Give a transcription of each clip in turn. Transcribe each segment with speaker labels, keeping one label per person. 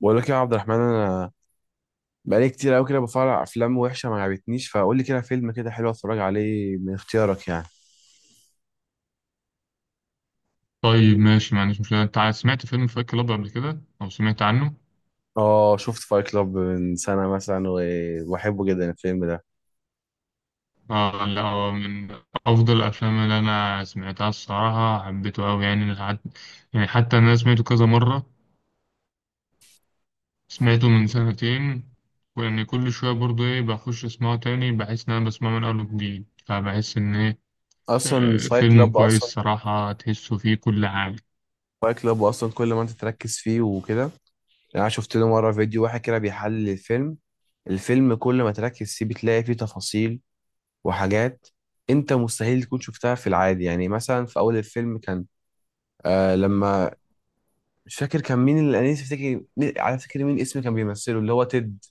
Speaker 1: بقول لك يا عبد الرحمن، انا بقالي كتير قوي كده بتفرج على افلام وحشه ما عجبتنيش. فقول لي كده فيلم كده حلو اتفرج عليه من اختيارك يعني.
Speaker 2: طيب ماشي، ما عنديش مشكلة. أنت سمعت فيلم فايت كلاب قبل كده أو سمعت عنه؟
Speaker 1: اه شفت فايت كلاب من سنه مثلا، وبحبه جدا الفيلم ده.
Speaker 2: آه لا، هو من أفضل الأفلام اللي أنا سمعتها الصراحة. حبيته أوي يعني لحد. يعني حتى أنا سمعته كذا مرة، سمعته من سنتين، وإن كل شوية برضه إيه، بخش أسمعه تاني بحس إن أنا بسمعه من أول وجديد، فبحس إن إيه.
Speaker 1: اصلا فايت
Speaker 2: فيلم
Speaker 1: كلاب اصلا،
Speaker 2: كويس صراحة، تحسه فيه كل حاجة.
Speaker 1: فايت كلاب اصلا كل ما انت تركز فيه وكده يعني. انا شفت له مره فيديو واحد كده بيحلل الفيلم. الفيلم كل ما تركز فيه بتلاقي فيه تفاصيل وحاجات انت مستحيل تكون شفتها في العادي. يعني مثلا في اول الفيلم كان آه لما مش فاكر كان مين، اللي انا نفسي افتكر على فكره مين اسم كان بيمثله اللي هو تيد.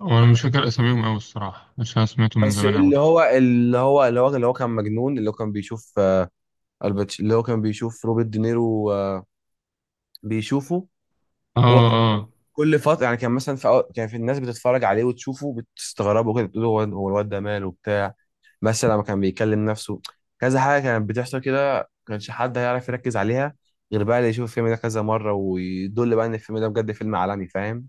Speaker 2: وأنا مش فاكر أساميهم أوي الصراحة، عشان أنا سمعته من
Speaker 1: بس
Speaker 2: زمان أوي.
Speaker 1: اللي هو كان مجنون، اللي هو كان بيشوف الباتش، اللي هو كان بيشوف روبرت دينيرو، بيشوفه.
Speaker 2: آه.
Speaker 1: هو كان
Speaker 2: آه.
Speaker 1: كل فتره يعني، كان مثلا في كان في الناس بتتفرج عليه وتشوفه بتستغربه كده، بتقول هو هو الواد ده ماله وبتاع. مثلا لما كان بيكلم نفسه كذا حاجه كانت بتحصل كده، ما كانش حد هيعرف يركز عليها غير بقى اللي يشوف الفيلم ده كذا مره، ويدل بقى ان الفيلم ده بجد فيلم عالمي. فاهم؟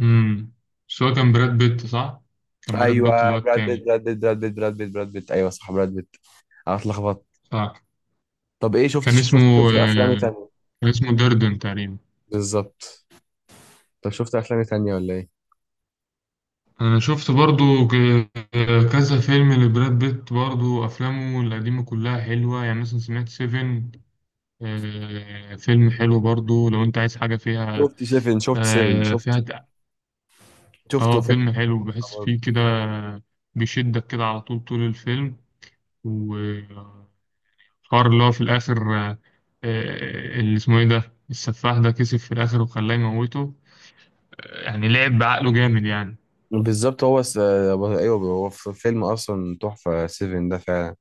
Speaker 2: امم. بس هو كان براد بيت، صح؟ كان براد بيت اللي
Speaker 1: ايوه
Speaker 2: هو التاني.
Speaker 1: براد بيت ايوه صح براد بيت. انا اتلخبطت.
Speaker 2: صح.
Speaker 1: طب ايه،
Speaker 2: كان اسمه
Speaker 1: شفت افلام
Speaker 2: آه،
Speaker 1: تانية؟
Speaker 2: كان اسمه دردن تقريبا.
Speaker 1: بالظبط. طب شفت افلام تانية ولا ايه؟
Speaker 2: انا شفت برضو كذا فيلم لبراد بيت، برضو افلامه القديمه كلها حلوه، يعني مثلا سمعت سيفن. فيلم حلو برضو لو انت عايز حاجه فيها.
Speaker 1: شفت سيفن،
Speaker 2: آه، فيها
Speaker 1: شفت
Speaker 2: د-
Speaker 1: شفته
Speaker 2: اه،
Speaker 1: فيلم
Speaker 2: فيلم حلو، بحس
Speaker 1: برضه.
Speaker 2: فيه كده بيشدك كده على طول. طول الفيلم، حوار اللي هو في الآخر، اللي اسمه إيه ده، السفاح ده كسب في الآخر وخلاه يموته. يعني لعب بعقله جامد يعني.
Speaker 1: بالظبط. ايوه، هو في فيلم اصلا تحفه سيفن ده فعلا.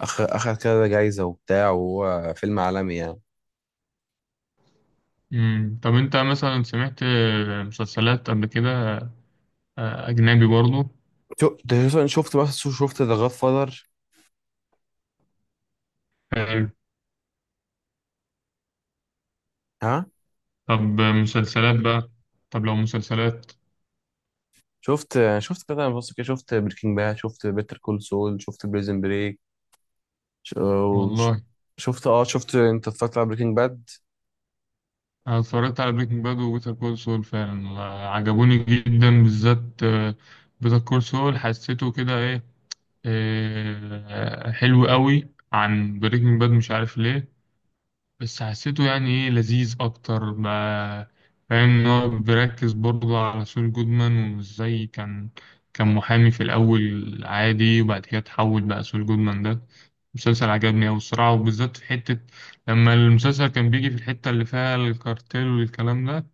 Speaker 1: اخد كده جايزه وبتاع، وهو فيلم عالمي يعني.
Speaker 2: مم. طب أنت مثلا سمعت مسلسلات قبل كده؟ أجنبي برضه؟
Speaker 1: شو- ده شفت، بس شفت ذا جاد فاذر.
Speaker 2: حلو.
Speaker 1: ها؟
Speaker 2: طب مسلسلات بقى، طب لو مسلسلات.
Speaker 1: شفت كده، بص كده، شفت بريكنج باد، شفت بيتر كول سول، شفت بريزن بريك. ش- وش-
Speaker 2: والله
Speaker 1: شفت، اه شفت. انت اتفرجت على بريكنج باد؟
Speaker 2: أنا اتفرجت على بريكنج باد وبيتر كول سول فعلا، عجبوني جدا، بالذات بيتر كول سول. حسيته كده إيه، حلو قوي عن بريكنج باد، مش عارف ليه، بس حسيته يعني ايه، لذيذ اكتر ما، فاهم؟ ان هو بيركز برضه على سول جودمان، وازاي كان محامي في الاول عادي، وبعد كده اتحول بقى سول جودمان ده. مسلسل عجبني اوي الصراحه، وبالذات في حته لما المسلسل كان بيجي في الحته اللي فيها الكارتيل والكلام ده.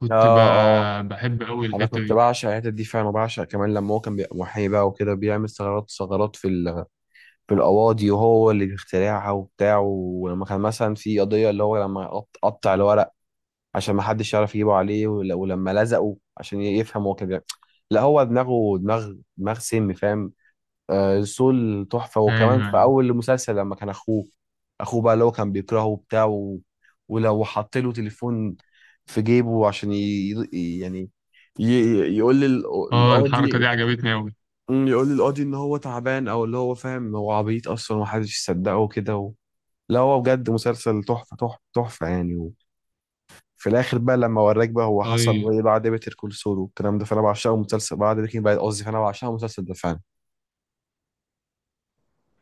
Speaker 2: كنت ب...
Speaker 1: اه اه.
Speaker 2: بحب اوي
Speaker 1: انا
Speaker 2: الحته
Speaker 1: كنت
Speaker 2: دي.
Speaker 1: بعشق الحتت دي فعلا، وبعشق كمان لما هو كان بيبقى محامي بقى وكده، بيعمل ثغرات في في القواضي، وهو اللي بيخترعها وبتاع. ولما كان مثلا في قضيه اللي هو لما قطع الورق عشان ما حدش يعرف يجيبه عليه، ولما لزقه عشان يفهم هو كان بيعمل. لا هو دماغه، دماغ سم. فاهم؟ آه، سول تحفة. وكمان
Speaker 2: ايوه،
Speaker 1: في
Speaker 2: ايوه.
Speaker 1: أول المسلسل لما كان أخوه، أخوه بقى اللي هو كان بيكرهه وبتاع، و... ولو حط له تليفون في جيبه عشان يعني ي... يقول لي
Speaker 2: اه، الحركه دي
Speaker 1: القاضي،
Speaker 2: عجبتني اوي.
Speaker 1: يقول لي القاضي إن هو تعبان، أو اللي هو فاهم هو عبيط أصلا ومحدش يصدقه وكده و... لا هو بجد مسلسل تحفة تحفة يعني. وفي الآخر بقى، لما وراك بقى هو حصل
Speaker 2: طيب،
Speaker 1: إيه بعد بيتر كول سول والكلام ده، فأنا بعشقه مسلسل بعد بريكنج باد قصدي. فأنا بعشقه المسلسل ده فعلا.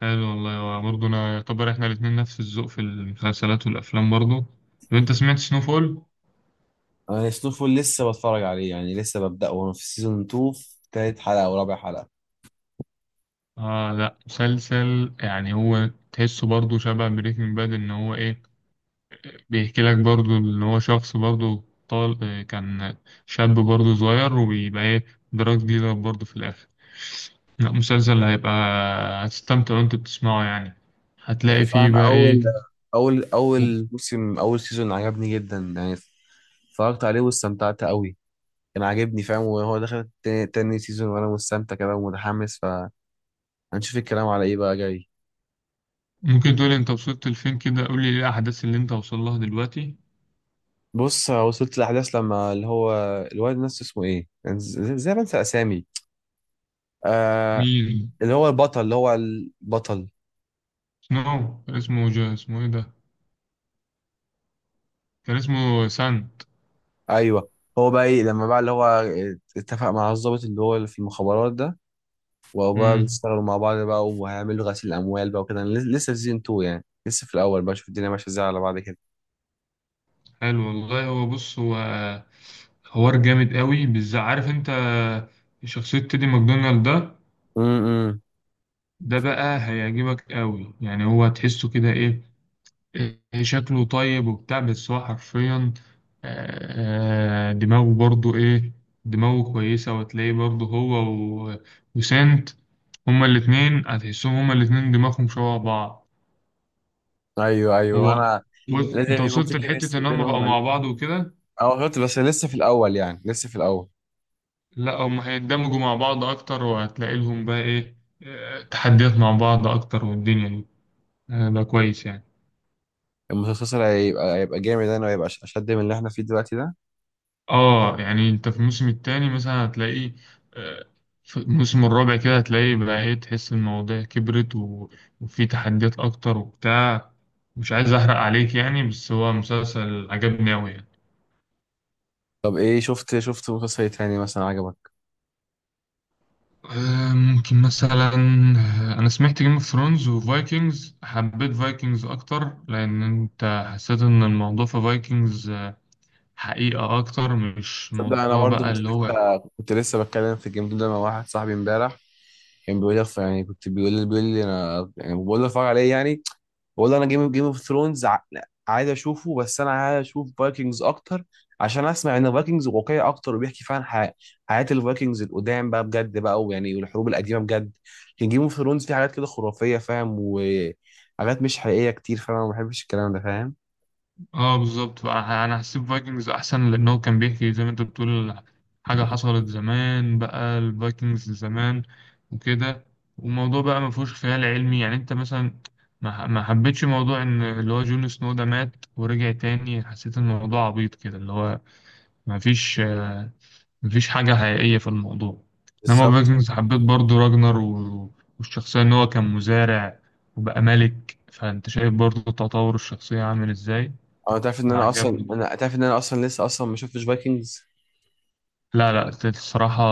Speaker 2: حلو والله برضه. انا يعتبر احنا الاتنين نفس الذوق في المسلسلات والافلام برضه. طب انت سمعت سنوفول؟
Speaker 1: انا سنوفل لسه بتفرج عليه يعني، لسه ببدأ وانا في سيزون 2، في تالت حلقة او رابع حلقة.
Speaker 2: آه لا، مسلسل يعني هو تحسه برضه شبه بريكنج باد، إن هو إيه، بيحكي لك برضه إن هو شخص برضه طال كان شاب برضه صغير، وبيبقى إيه، دراج ديلر برضه في الآخر. لا، مسلسل هيبقى هتستمتع وأنت بتسمعه يعني.
Speaker 1: أنا
Speaker 2: هتلاقي فيه
Speaker 1: فعلا
Speaker 2: بقى
Speaker 1: اول
Speaker 2: إيه.
Speaker 1: اول اول موسم، اول سيزون عجبني جدا يعني. اتفرجت عليه واستمتعت قوي. كان عاجبني فاهم. وهو دخل تاني, تاني سيزون وانا مستمتع كده ومتحمس، فهنشوف الكلام على ايه بقى جاي.
Speaker 2: ممكن تقولي أنت وصلت لفين كده؟ قولي إيه الأحداث اللي أنت وصل لها دلوقتي؟
Speaker 1: بص وصلت الاحداث لما اللي هو الواد نفسه اسمه ايه يعني، زي ما انسى اسامي. آه
Speaker 2: مين؟
Speaker 1: اللي هو البطل، اللي هو البطل.
Speaker 2: سنو كان اسمه جو، اسمه إيه ده؟ كان اسمه سانت.
Speaker 1: ايوه. هو بقى ايه لما بقى اللي هو اتفق مع الضابط اللي هو اللي في المخابرات ده، وهو بقى
Speaker 2: مم.
Speaker 1: بيشتغلوا مع بعض بقى وهيعملوا غسيل اموال بقى وكده. أنا لسه في سيزون 2 يعني، لسه في الاول بقى، شوف الدنيا ماشيه ازاي على بعض كده.
Speaker 2: حلو والله. هو بص، هو حوار جامد قوي، بالذات عارف انت شخصية تيدي ماكدونالد ده،
Speaker 1: امم،
Speaker 2: ده بقى هيعجبك قوي يعني. هو تحسه كده ايه، إيه شكله طيب وبتاع، بس هو حرفيا دماغه برضو ايه، دماغه كويسة. وتلاقيه برضو هو و- وسنت، هما الاتنين هتحسهم هما الاتنين دماغهم شبه بعض.
Speaker 1: ايوه ايوه
Speaker 2: هو
Speaker 1: انا.
Speaker 2: بص،
Speaker 1: لازم
Speaker 2: انت
Speaker 1: يكون في
Speaker 2: وصلت لحتة
Speaker 1: كيمستري
Speaker 2: ان هما بقوا
Speaker 1: بينهم.
Speaker 2: مع بعض وكده.
Speaker 1: اه شفت، بس لسه في الاول يعني، لسه في الاول.
Speaker 2: لا، هم هيندمجوا مع بعض اكتر، وهتلاقي لهم بقى ايه، تحديات مع بعض اكتر، والدنيا دي هيبقى كويس يعني.
Speaker 1: المسلسل هيبقى، جامد انا، وهيبقى اشد من اللي احنا فيه دلوقتي ده.
Speaker 2: اه، يعني انت في الموسم التاني مثلا هتلاقي، آه، في الموسم الرابع كده هتلاقي بقى ايه، تحس المواضيع كبرت، و... وفي تحديات اكتر وبتاع. مش عايز احرق عليك يعني، بس هو مسلسل عجبني اوي يعني.
Speaker 1: طب ايه، شفت مسلسل إيه تاني مثلا عجبك؟
Speaker 2: ممكن مثلا، انا سمعت جيم اوف ثرونز وفايكنجز. حبيت فايكنجز اكتر، لان انت حسيت ان الموضوع في فايكنجز حقيقة أكتر، مش
Speaker 1: تصدق انا
Speaker 2: موضوع
Speaker 1: برضو،
Speaker 2: بقى اللي هو.
Speaker 1: كنت لسه بتكلم في الجيم ده مع واحد صاحبي امبارح. كان بيقول لي يعني، كنت بيقول لي بيقول لي انا يعني، بقول له اتفرج عليه يعني. بقول له انا، جيم اوف ثرونز عايز اشوفه، بس انا عايز اشوف فايكنجز اكتر، عشان اسمع ان فايكنجز واقعي اكتر وبيحكي فعلا حياه الفايكنجز القدام بقى بجد بقى، ويعني والحروب القديمه بجد. لكن جيم اوف ثرونز فيه حاجات كده خرافيه فاهم، وحاجات مش حقيقيه كتير، فانا ما بحبش الكلام ده. فاهم؟
Speaker 2: آه بالظبط، بقى أنا هسيب فايكنجز أحسن، لأن هو كان بيحكي زي ما أنت بتقول حاجة حصلت زمان، بقى الفايكنجز زمان وكده. والموضوع بقى ما فيهوش خيال علمي، يعني أنت مثلا ما حبيتش موضوع إن اللي هو جون سنو ده مات ورجع تاني. حسيت الموضوع عبيط كده، اللي هو ما فيش مفيش حاجة حقيقية في الموضوع. إنما
Speaker 1: بالظبط.
Speaker 2: فايكنجز، حبيت برضو راجنر، و... والشخصية إن هو كان مزارع وبقى ملك، فأنت شايف برضو تطور الشخصية عامل إزاي، فعجبني.
Speaker 1: انا تعرف ان انا اصلا لسه اصلا ما شفتش فايكنجز.
Speaker 2: لا لا، الصراحة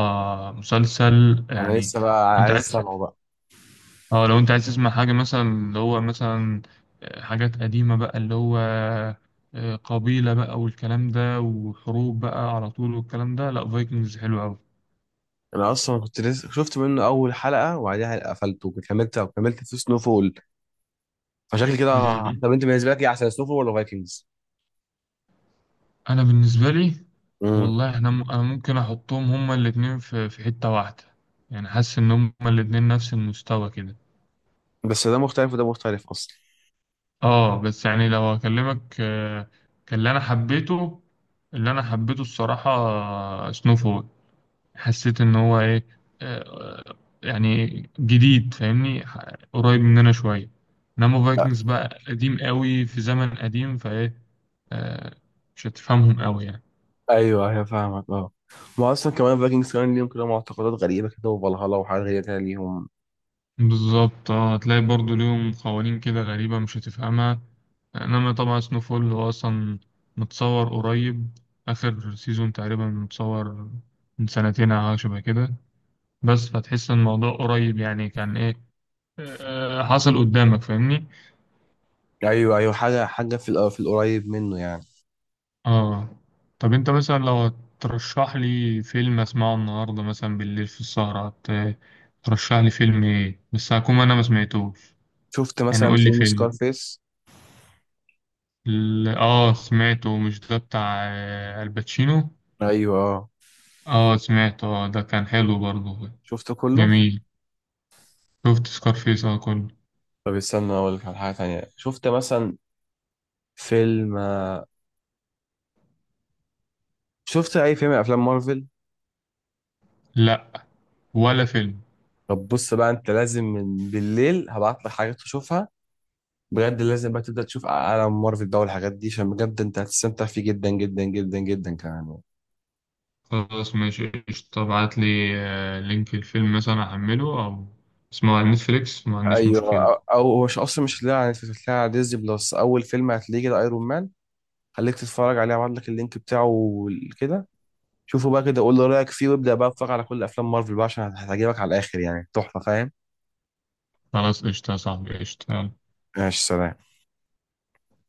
Speaker 2: مسلسل
Speaker 1: انا
Speaker 2: يعني.
Speaker 1: لسه بقى
Speaker 2: أنت
Speaker 1: عايز
Speaker 2: عايز
Speaker 1: اسمعه بقى.
Speaker 2: أه، لو أنت عايز تسمع حاجة مثلا اللي هو مثلا حاجات قديمة بقى اللي هو، قبيلة بقى والكلام ده، وحروب بقى على طول والكلام ده، لا فايكنجز حلو أوي.
Speaker 1: انا اصلا كنت لسه شفت منه اول حلقه، وبعدها قفلته وكملت، في سنو فول. فشكل كده.
Speaker 2: مم.
Speaker 1: طب انت بالنسبه لك ايه احسن، سنو فول ولا فايكنجز؟
Speaker 2: أنا بالنسبة لي
Speaker 1: امم.
Speaker 2: والله احنا انا ممكن احطهم هما الاتنين في حتة واحدة. يعني حاسس ان هما الاتنين نفس المستوى كده.
Speaker 1: بس ده مختلف وده مختلف اصلا.
Speaker 2: اه، بس يعني لو اكلمك، كان اللي انا حبيته اللي انا حبيته الصراحة سنو فول. حسيت ان هو ايه، آه، يعني جديد، فاهمني؟ قريب مننا شوية. انما
Speaker 1: لا.
Speaker 2: فايكنجز بقى قديم قوي، في زمن قديم، فايه، آه، مش هتفهمهم قوي يعني.
Speaker 1: ايوه ايوه فاهمك اه. ما اصلا كمان فايكنجز كمان ليهم كده معتقدات غريبه كده، وفالهالا وحاجات غريبه كده ليهم.
Speaker 2: بالظبط. اه هتلاقي برضو ليهم قوانين كده غريبة، مش هتفهمها. انما طبعا سنوفول هو اصلا متصور قريب، اخر سيزون تقريبا، متصور من سنتين او حاجة شبه كده. بس فتحس ان الموضوع قريب، يعني كان ايه، حصل قدامك، فاهمني؟
Speaker 1: ايوه ايوه، حاجه في في القريب منه يعني.
Speaker 2: اه. طب انت مثلا لو ترشح لي فيلم اسمعه النهاردة مثلا بالليل في السهرة ترشح لي فيلم ايه، بس هكون انا ما سمعتوش،
Speaker 1: شفت
Speaker 2: يعني
Speaker 1: مثلا
Speaker 2: قول لي
Speaker 1: فيلم
Speaker 2: فيلم.
Speaker 1: سكارفيس؟
Speaker 2: اه سمعته، مش ده بتاع الباتشينو؟
Speaker 1: ايوه اه
Speaker 2: اه سمعته، اه ده كان حلو برضه.
Speaker 1: شفته كله.
Speaker 2: جميل، شفت سكارفيس اه كله.
Speaker 1: طب استنى اقول لك على حاجه تانيه. شفت مثلا فيلم، شفت اي فيلم من افلام مارفل؟
Speaker 2: لا، ولا فيلم.
Speaker 1: طب بص بقى، انت لازم من بالليل هبعت لك حاجات تشوفها. بجد لازم بقى تبدا تشوف عالم مارفل ده والحاجات دي، عشان بجد انت هتستمتع فيه جدا جدا جدا جدا كمان.
Speaker 2: خلاص ماشي قشطة، ابعت لي لينك الفيلم مثلا احمله، او اسمه على نتفليكس، ما عنديش
Speaker 1: ايوه، او
Speaker 2: مشكلة.
Speaker 1: أو مش اصلا مش هتلاقيها على نتفليكس، هتلاقيها على ديزني بلس. اول فيلم هتلاقيه كده ايرون مان. خليك تتفرج عليه، هبعت لك اللينك بتاعه كده. شوفه بقى كده قول لي رايك فيه، وابدا بقى اتفرج على كل افلام مارفل بقى، عشان هتعجبك على الاخر يعني. تحفه فاهم.
Speaker 2: خلاص قشطة يا صاحبي، قشطة يلا.
Speaker 1: ماشي سلام.